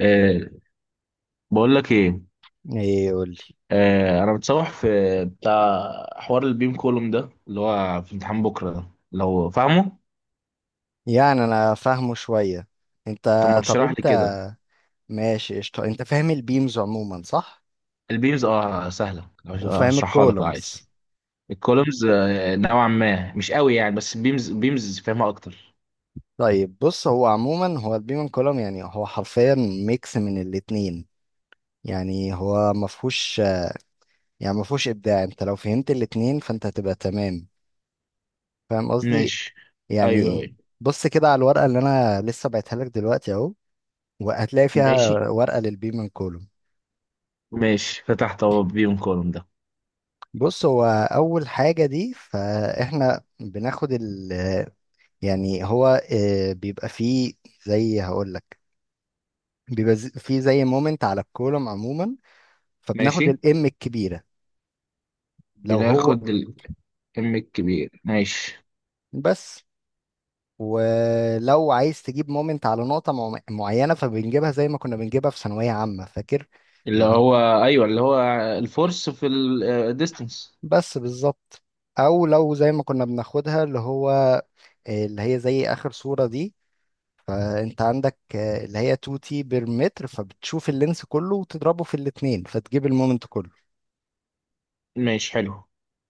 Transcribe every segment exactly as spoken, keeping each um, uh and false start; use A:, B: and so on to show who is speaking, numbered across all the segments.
A: أه، بقول لك ايه.
B: ايه قولي.
A: أه انا متصوح في بتاع حوار البيم كولوم ده اللي هو في امتحان بكره ده لو فاهمه.
B: يعني انا فاهمه شوية. انت،
A: طب ما
B: طب
A: تشرح لي
B: انت
A: كده.
B: ماشي قشطة، انت فاهم البيمز عموما صح؟
A: البيمز اه سهله،
B: وفاهم
A: هشرحها لك لو عايز.
B: الكولومز؟
A: الكولومز آه، نوعا ما مش قوي يعني، بس البيمز بيمز فاهمها اكتر.
B: طيب بص، هو عموما هو البيم كولوم يعني هو حرفيا ميكس من الاتنين. يعني هو مفهوش، يعني مفهوش ابداع. انت لو فهمت الاتنين فانت هتبقى تمام. فاهم قصدي؟
A: ماشي. ايوه ايوه
B: يعني بص كده على الورقة اللي انا لسه بعتها لك دلوقتي اهو، وهتلاقي فيها
A: ماشي
B: ورقة للبيم كولوم.
A: ماشي فتحت اهو البيم كولوم ده.
B: بص هو اول حاجه دي، فاحنا بناخد ال، يعني هو آه، بيبقى فيه، زي هقول لك، بيبقى ز- فيه زي مومنت على الكولوم عموما، فبناخد
A: ماشي،
B: الام الكبيره. لو هو،
A: بناخد الام الكبير. ماشي.
B: بس. ولو عايز تجيب مومنت على نقطه مع- معينه، فبنجيبها زي ما كنا بنجيبها في ثانويه عامه، فاكر؟
A: اللي
B: اللي هو،
A: هو؟ ايوه، اللي هو الفورس في الديستنس.
B: بس بالظبط. او لو زي ما كنا بناخدها اللي هو آه، اللي هي زي اخر صوره دي، فانت عندك آه، اللي هي اتنين تي بير متر، فبتشوف اللينس كله وتضربه في الاتنين فتجيب المومنت كله.
A: ماشي، حلو.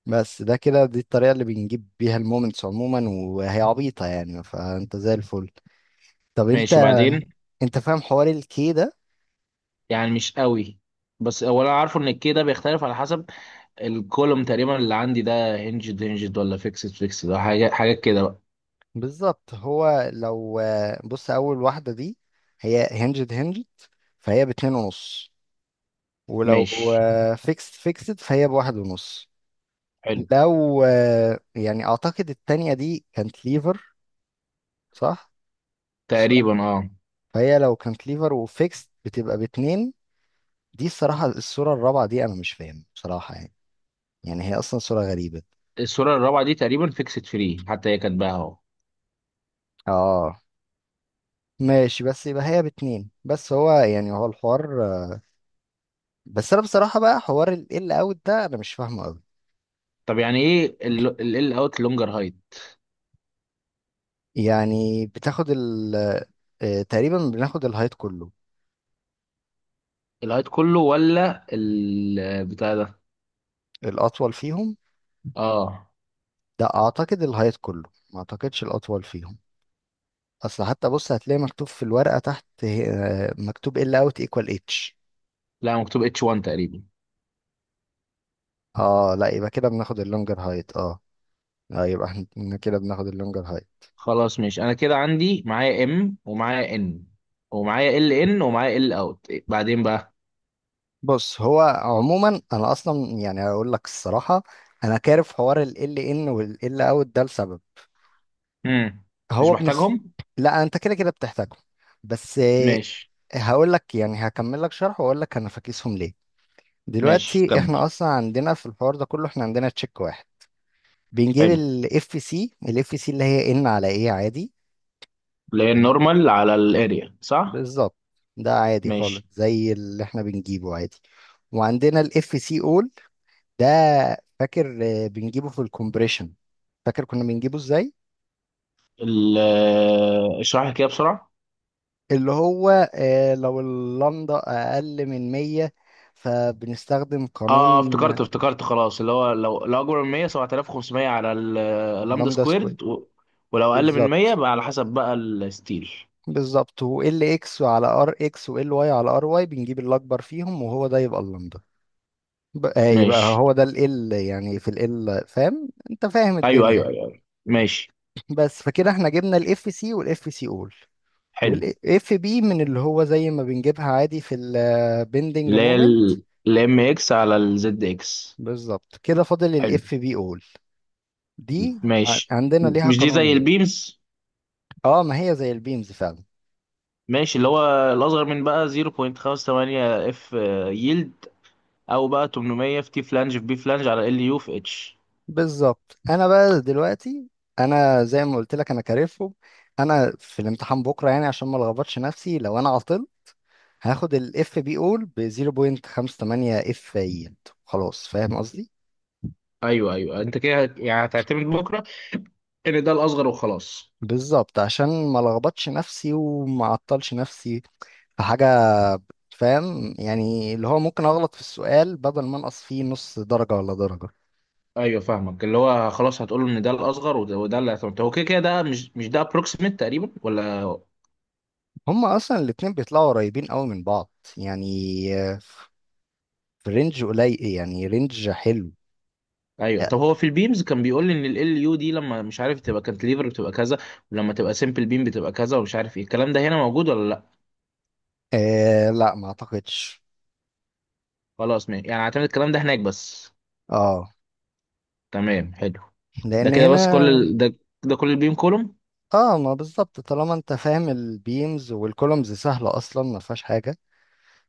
B: بس ده كده، دي الطريقة اللي بنجيب بيها المومنتس عموما، وهي عبيطة يعني، فانت زي الفل. طب انت،
A: ماشي، بعدين.
B: انت فاهم حوار الكي ده؟
A: يعني مش قوي، بس هو انا عارفه ان الكي ده بيختلف على حسب الكولوم. تقريبا اللي عندي ده هنجد هنجد ولا فيكسد فيكسد، ده حاجه حاجات كده بقى.
B: بالظبط، هو لو آه، بص اول واحدة دي هي هنجد هنجد، فهي باتنين ونص. ولو
A: ماشي.
B: فيكسد فيكسد فهي بواحد ونص.
A: حلو.
B: لو آه، يعني اعتقد التانية دي كانت ليفر، صح؟ So
A: تقريبا اه.
B: فهي لو كانت ليفر وفيكس بتبقى باتنين. دي الصراحة الصورة الرابعة دي أنا مش فاهم بصراحة يعني، يعني هي أصلا صورة غريبة.
A: الصوره الرابعه دي تقريبا فيكسد فري، حتى هي كاتباها اهو.
B: اه ماشي، بس يبقى هي باتنين بس. هو يعني هو الحوار، بس أنا بصراحة بقى حوار ال أوت ده أنا مش فاهمه أوي.
A: طب يعني ايه ال اوت لونجر هايت؟
B: يعني بتاخد ال آه، تقريبا بناخد الهايت كله.
A: الهايت كله ولا البتاع ده؟
B: الأطول فيهم،
A: اه.
B: ده أعتقد الهايت كله، ما أعتقدش الأطول فيهم. أصل حتى بص هتلاقي مكتوب في الورقة تحت آه، مكتوب ال أوت إيكوال اتش.
A: لا، مكتوب اتش واحد تقريبا.
B: اه لا، يبقى كده بناخد اللونجر هايت. اه، اه يبقى احنا كده بناخد اللونجر هايت.
A: خلاص ماشي، انا كده عندي معايا ام ومعايا ان ومعايا ال ان ومعايا ال اوت، بعدين بقى.
B: بص هو عموما انا اصلا يعني اقول لك الصراحه، انا كارف حوار ال ال ان وال ال اوت ده لسبب.
A: امم. مش
B: هو بنس.
A: محتاجهم؟
B: لا انت كده كده بتحتاجهم، بس آه،
A: ماشي.
B: هقول لك، يعني هكمل لك شرح واقول لك انا فاكسهم ليه.
A: ماشي
B: دلوقتي احنا
A: كمل.
B: اصلا عندنا في الحوار ده كله، احنا عندنا تشيك واحد. بنجيب
A: حلو.
B: الاف سي الاف سي اللي هي ان على ايه عادي.
A: لان نورمال على الاريا، صح؟
B: بالظبط، ده عادي خالص
A: ماشي.
B: زي اللي احنا بنجيبه عادي. وعندنا الاف سي اول ده، فاكر آه، بنجيبه في الكومبريشن؟ فاكر كنا بنجيبه ازاي؟
A: ال- اشرح لي كده بسرعه.
B: اللي هو آه، لو اللمدة اقل من مية فبنستخدم
A: اه، افتكرت
B: قانون
A: افتكرت خلاص، اللي هو لو لو اكبر من مية، سبعة آلاف وخمسمية على اللامدا
B: لمدة سكوير.
A: سكويرد و... ولو اقل من مية
B: بالظبط،
A: بقى على حسب بقى الستيل.
B: بالظبط. و ال اكس على ار اكس و ال واي على ار واي، بنجيب الاكبر فيهم وهو ده يبقى اللمدة. بقى يبقى
A: ماشي.
B: هو ده ال ال، يعني في ال ال، فاهم؟ انت فاهم
A: ايوه ايوه
B: الدنيا.
A: ايوه أيوة. ماشي.
B: بس فكده احنا جبنا الاف سي والاف سي اول،
A: حلو.
B: والاف بي من اللي هو زي ما بنجيبها عادي في البندنج
A: اللي هي
B: مومنت.
A: الام اكس على الزد اكس.
B: بالظبط كده، فاضل
A: حلو.
B: الاف بي اول. دي ع-
A: ماشي،
B: عندنا ليها
A: مش دي زي
B: قانونين.
A: البيمز؟
B: اه ما هي زي البيمز فعلا.
A: ماشي، اللي هو الأصغر من بقى نقطة خمسة ثمانية اف يلد، أو بقى تمنمية في تي فلانج في بي فلانج على ال يو في اتش.
B: بالظبط. انا بقى دلوقتي، انا زي ما قلت لك انا كارفهم، انا في الامتحان بكره يعني عشان ما لخبطش نفسي لو انا عطلت، هاخد الاف بي اول ب صفر فاصلة تمنية وخمسين اف يلد، خلاص. فاهم قصدي؟
A: ايوه ايوه انت كده هت- يعني هتعتمد بكره ان ده الاصغر وخلاص.
B: بالظبط، عشان ما لخبطش نفسي وما اعطلش نفسي في حاجه. فاهم يعني، اللي هو ممكن اغلط في السؤال بدل ما انقص فيه نص درجه ولا درجه.
A: ايوه، فاهمك، اللي هو خلاص هتقول له ان ده الاصغر وده, وده اللي هتعتمد. هو كده كده ده مش مش ده ابروكسيميت تقريبا ولا؟
B: هما اصلا الاتنين بيطلعوا قريبين قوي من بعض، يعني آه، في رينج قليل، يعني رينج حلو.
A: ايوه. طب هو في البيمز كان بيقول لي ان ال يو دي لما مش عارف تبقى كانتليفر بتبقى كذا، ولما تبقى سمبل بيم بتبقى كذا، ومش عارف ايه. الكلام ده هنا موجود ولا لا؟
B: آه لا ما اعتقدش.
A: خلاص ماشي، يعني هعتمد الكلام ده هناك بس.
B: اه.
A: تمام، حلو. ده
B: لان
A: كده بس
B: هنا،
A: كل ال... ده ده كل البيم كولوم.
B: اه ما بالظبط، طالما انت فاهم البيمز والكولومز سهله اصلا، ما فيهاش حاجه.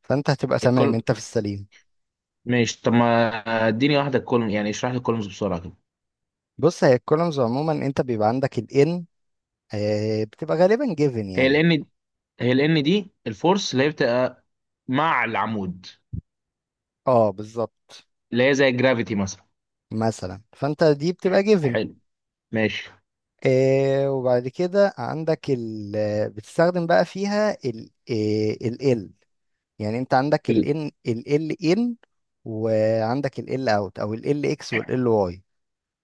B: فانت هتبقى تمام،
A: الكل.
B: انت في السليم.
A: ماشي، طب ما اديني واحده كولوم، يعني اشرح لي الكولومز بسرعه كده.
B: بص هي الكولومز عموما، انت بيبقى عندك ال n آه، بتبقى غالبا جيفن
A: هي ال
B: يعني.
A: ان؟ هي ال ان دي الفورس اللي هي بتبقى مع العمود،
B: اه بالظبط،
A: اللي هي زي الجرافيتي مثلا.
B: مثلا فانت دي بتبقى جيفن.
A: حلو. ماشي.
B: آه وبعد كده عندك ال، بتستخدم بقى فيها ال آه ال ال، يعني انت عندك ال
A: ال-
B: ان ال ال ان، وعندك ال ال اوت او ال ال اكس وال ال واي.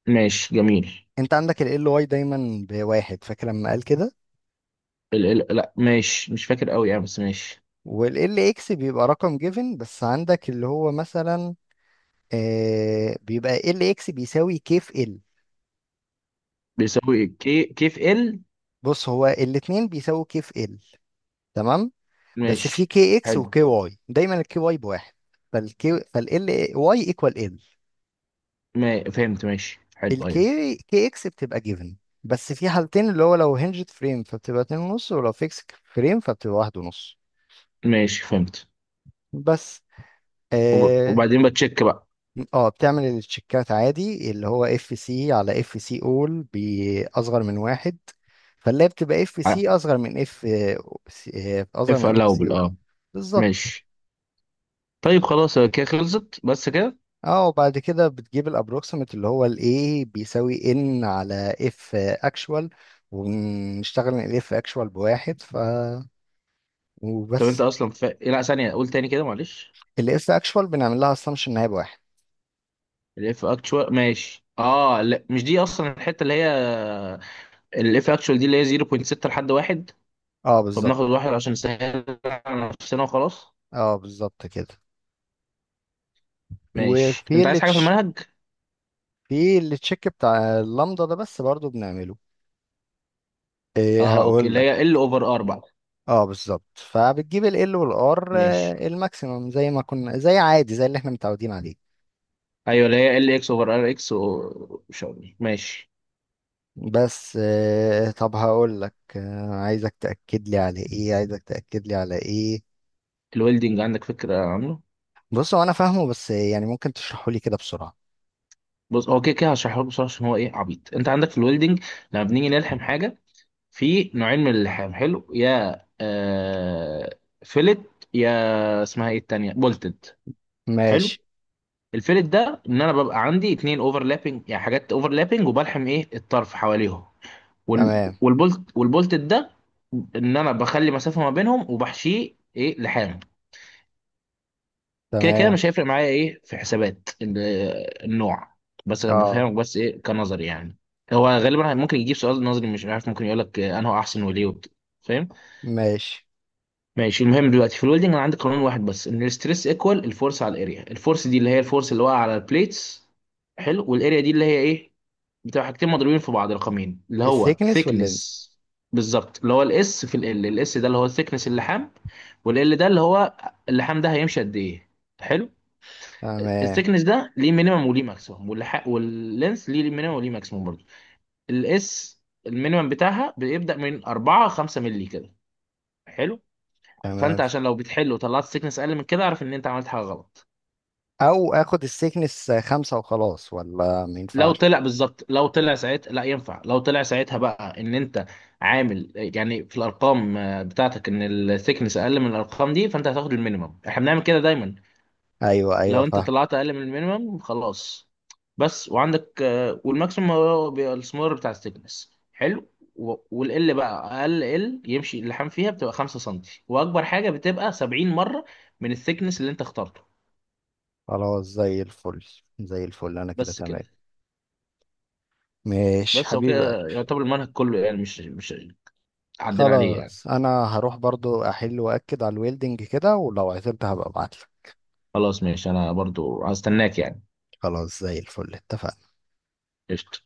A: ماشي، جميل.
B: انت عندك ال ال واي دايما بواحد، فاكر لما قال كده؟
A: ال... ال... لا ماشي، مش فاكر قوي يعني، بس ماشي.
B: وال ال اكس بيبقى رقم جيفن، بس عندك اللي هو مثلا آه بيبقى ال اكس بيساوي كيف ال.
A: بيساوي كي كيف ال.
B: بص هو الاتنين بيساوي كيف ال، تمام؟ بس في
A: ماشي،
B: كي اكس
A: حلو.
B: وكي واي، دايما الكي واي بواحد. فالكي فال واي ايكوال ال.
A: ما... فهمت، ماشي، حلو، ايوه.
B: الكي كي اكس بتبقى جيفن، بس في حالتين، اللي هو لو هنجد فريم فبتبقى اتنين ونص، ولو فيكس فريم فبتبقى واحد ونص.
A: ماشي، فهمت.
B: بس.
A: وب...
B: اه
A: وبعدين بتشيك بقى.
B: آه، بتعمل التشيكات عادي، اللي هو اف سي على اف سي اول باصغر من واحد، فاللي هي بتبقى اف سي اصغر من اف اصغر
A: اف
B: من اف سي
A: الاوبل،
B: اول.
A: اه.
B: بالظبط.
A: ماشي، طيب خلاص كده خلصت، بس كده.
B: اه وبعد كده بتجيب الابروكسيمت، اللي هو الايه بيساوي ان على اف اكشوال. ونشتغل ان الاف اكشوال بواحد، ف،
A: طب انت
B: وبس.
A: اصلا ف... إيه، لا ثانيه قول تاني كده معلش.
B: الاف اكشوال بنعمل لها اسامبشن ان هي بواحد.
A: الاف اكتشوال، ماشي، اه. لا مش دي اصلا الحته اللي هي الاف اكتشوال دي، اللي هي نقطة ستة لحد واحد،
B: اه بالظبط.
A: فبناخد واحد عشان نسهل على نفسنا وخلاص.
B: اه بالظبط كده.
A: ماشي.
B: وفي
A: انت عايز
B: اللي
A: حاجه في
B: تش...
A: المنهج؟
B: في اللي تشيك بتاع اللامدا ده بس برضو بنعمله، إيه،
A: اه اوكي،
B: هقول
A: اللي
B: لك.
A: هي ال اوفر اربعة.
B: اه بالظبط، فبتجيب ال L وال R
A: ماشي.
B: آه، الماكسيمم زي ما كنا، زي عادي زي اللي احنا متعودين عليه.
A: ايوه، اللي هي ال اكس اوفر ار اكس و... مش عارف. ماشي.
B: بس آه، طب هقول لك آه، عايزك تأكد لي على ايه عايزك تأكد لي على ايه.
A: الويلدنج عندك فكره عنه؟
B: بص هو انا فاهمه، بس يعني ممكن تشرحه لي كده بسرعة.
A: بص هو كده كده هشرحه لك بسرعه عشان هو ايه، عبيط. انت عندك في الويلدنج لما بنيجي نلحم حاجه، في نوعين من اللحام، حلو، يا آه فيلت يا اسمها ايه التانية بولتد. حلو.
B: ماشي.
A: الفيلت ده ان انا ببقى عندي اتنين اوفرلابنج، يعني حاجات اوفرلابنج، وبلحم ايه الطرف حواليهم. وال
B: تمام،
A: والبولت والبولتد ده ان انا بخلي مسافة ما بينهم وبحشيه ايه لحام. كده كده
B: تمام.
A: مش هيفرق معايا ايه في حسابات ال- النوع، بس انا
B: اه،
A: بفهمك بس ايه كنظري يعني. هو غالبا ممكن يجيب سؤال نظري، مش عارف، ممكن يقول لك انه احسن وليه وبت- فاهم.
B: ماشي.
A: ماشي. المهم دلوقتي في الويلدنج انا عندي قانون واحد بس، ان الستريس ايكوال الفورس على الاريا. الفورس دي اللي هي الفورس اللي واقع على البليتس، حلو. والاريا دي اللي هي ايه، بتبقى حاجتين مضروبين في بعض، رقمين، اللي هو
B: السيكنس واللينز.
A: ثيكنس. بالظبط، اللي هو الاس في ال، الاس ده اللي هو الثيكنس اللحام، والال ده اللي هو اللحام ده هيمشي قد ايه. حلو.
B: تمام،
A: الثيكنس ده ليه مينيمم وليه ماكسيمم، واللح... واللينث ليه مينيمم وليه ماكسيمم برضه. الاس المينيمم بتاعها بيبدأ من اربعة خمسة مللي كده، حلو. فانت
B: تمام.
A: عشان لو بتحل وطلعت سيكنس اقل من كده، اعرف ان انت عملت حاجه غلط.
B: او اخد السيكنس خمسة وخلاص، ولا ما
A: لو
B: ينفعش؟
A: طلع بالظبط، لو طلع ساعتها لا ينفع، لو طلع ساعتها بقى ان انت عامل يعني في الارقام آه، بتاعتك ان الثيكنس اقل من الارقام دي، فانت هتاخد المينيمم، احنا بنعمل كده دايما.
B: ايوه، ايوه
A: لو انت
B: فاهم.
A: طلعت اقل من المينيمم خلاص. بس. وعندك آه، والماكسيمم هو بيبقى السمور بتاع الثيكنس، حلو. و- والال بقى اقل ال يمشي اللحام فيها بتبقى خمسة سم، واكبر حاجه بتبقى سبعين مره من الثيكنس اللي انت اخترته.
B: خلاص زي الفل، زي الفل، انا كده
A: بس
B: تمام.
A: كده.
B: ماشي
A: بس هو
B: حبيب قلبي.
A: كده يعتبر المنهج كله، يعني مش مش عدينا عليه يعني.
B: خلاص، انا هروح برضو احل واكد على الويلدنج كده، ولو عزمت هبقى ابعتلك.
A: خلاص ماشي، انا برضو هستناك يعني.
B: خلاص زي الفل، اتفقنا.
A: قشطة.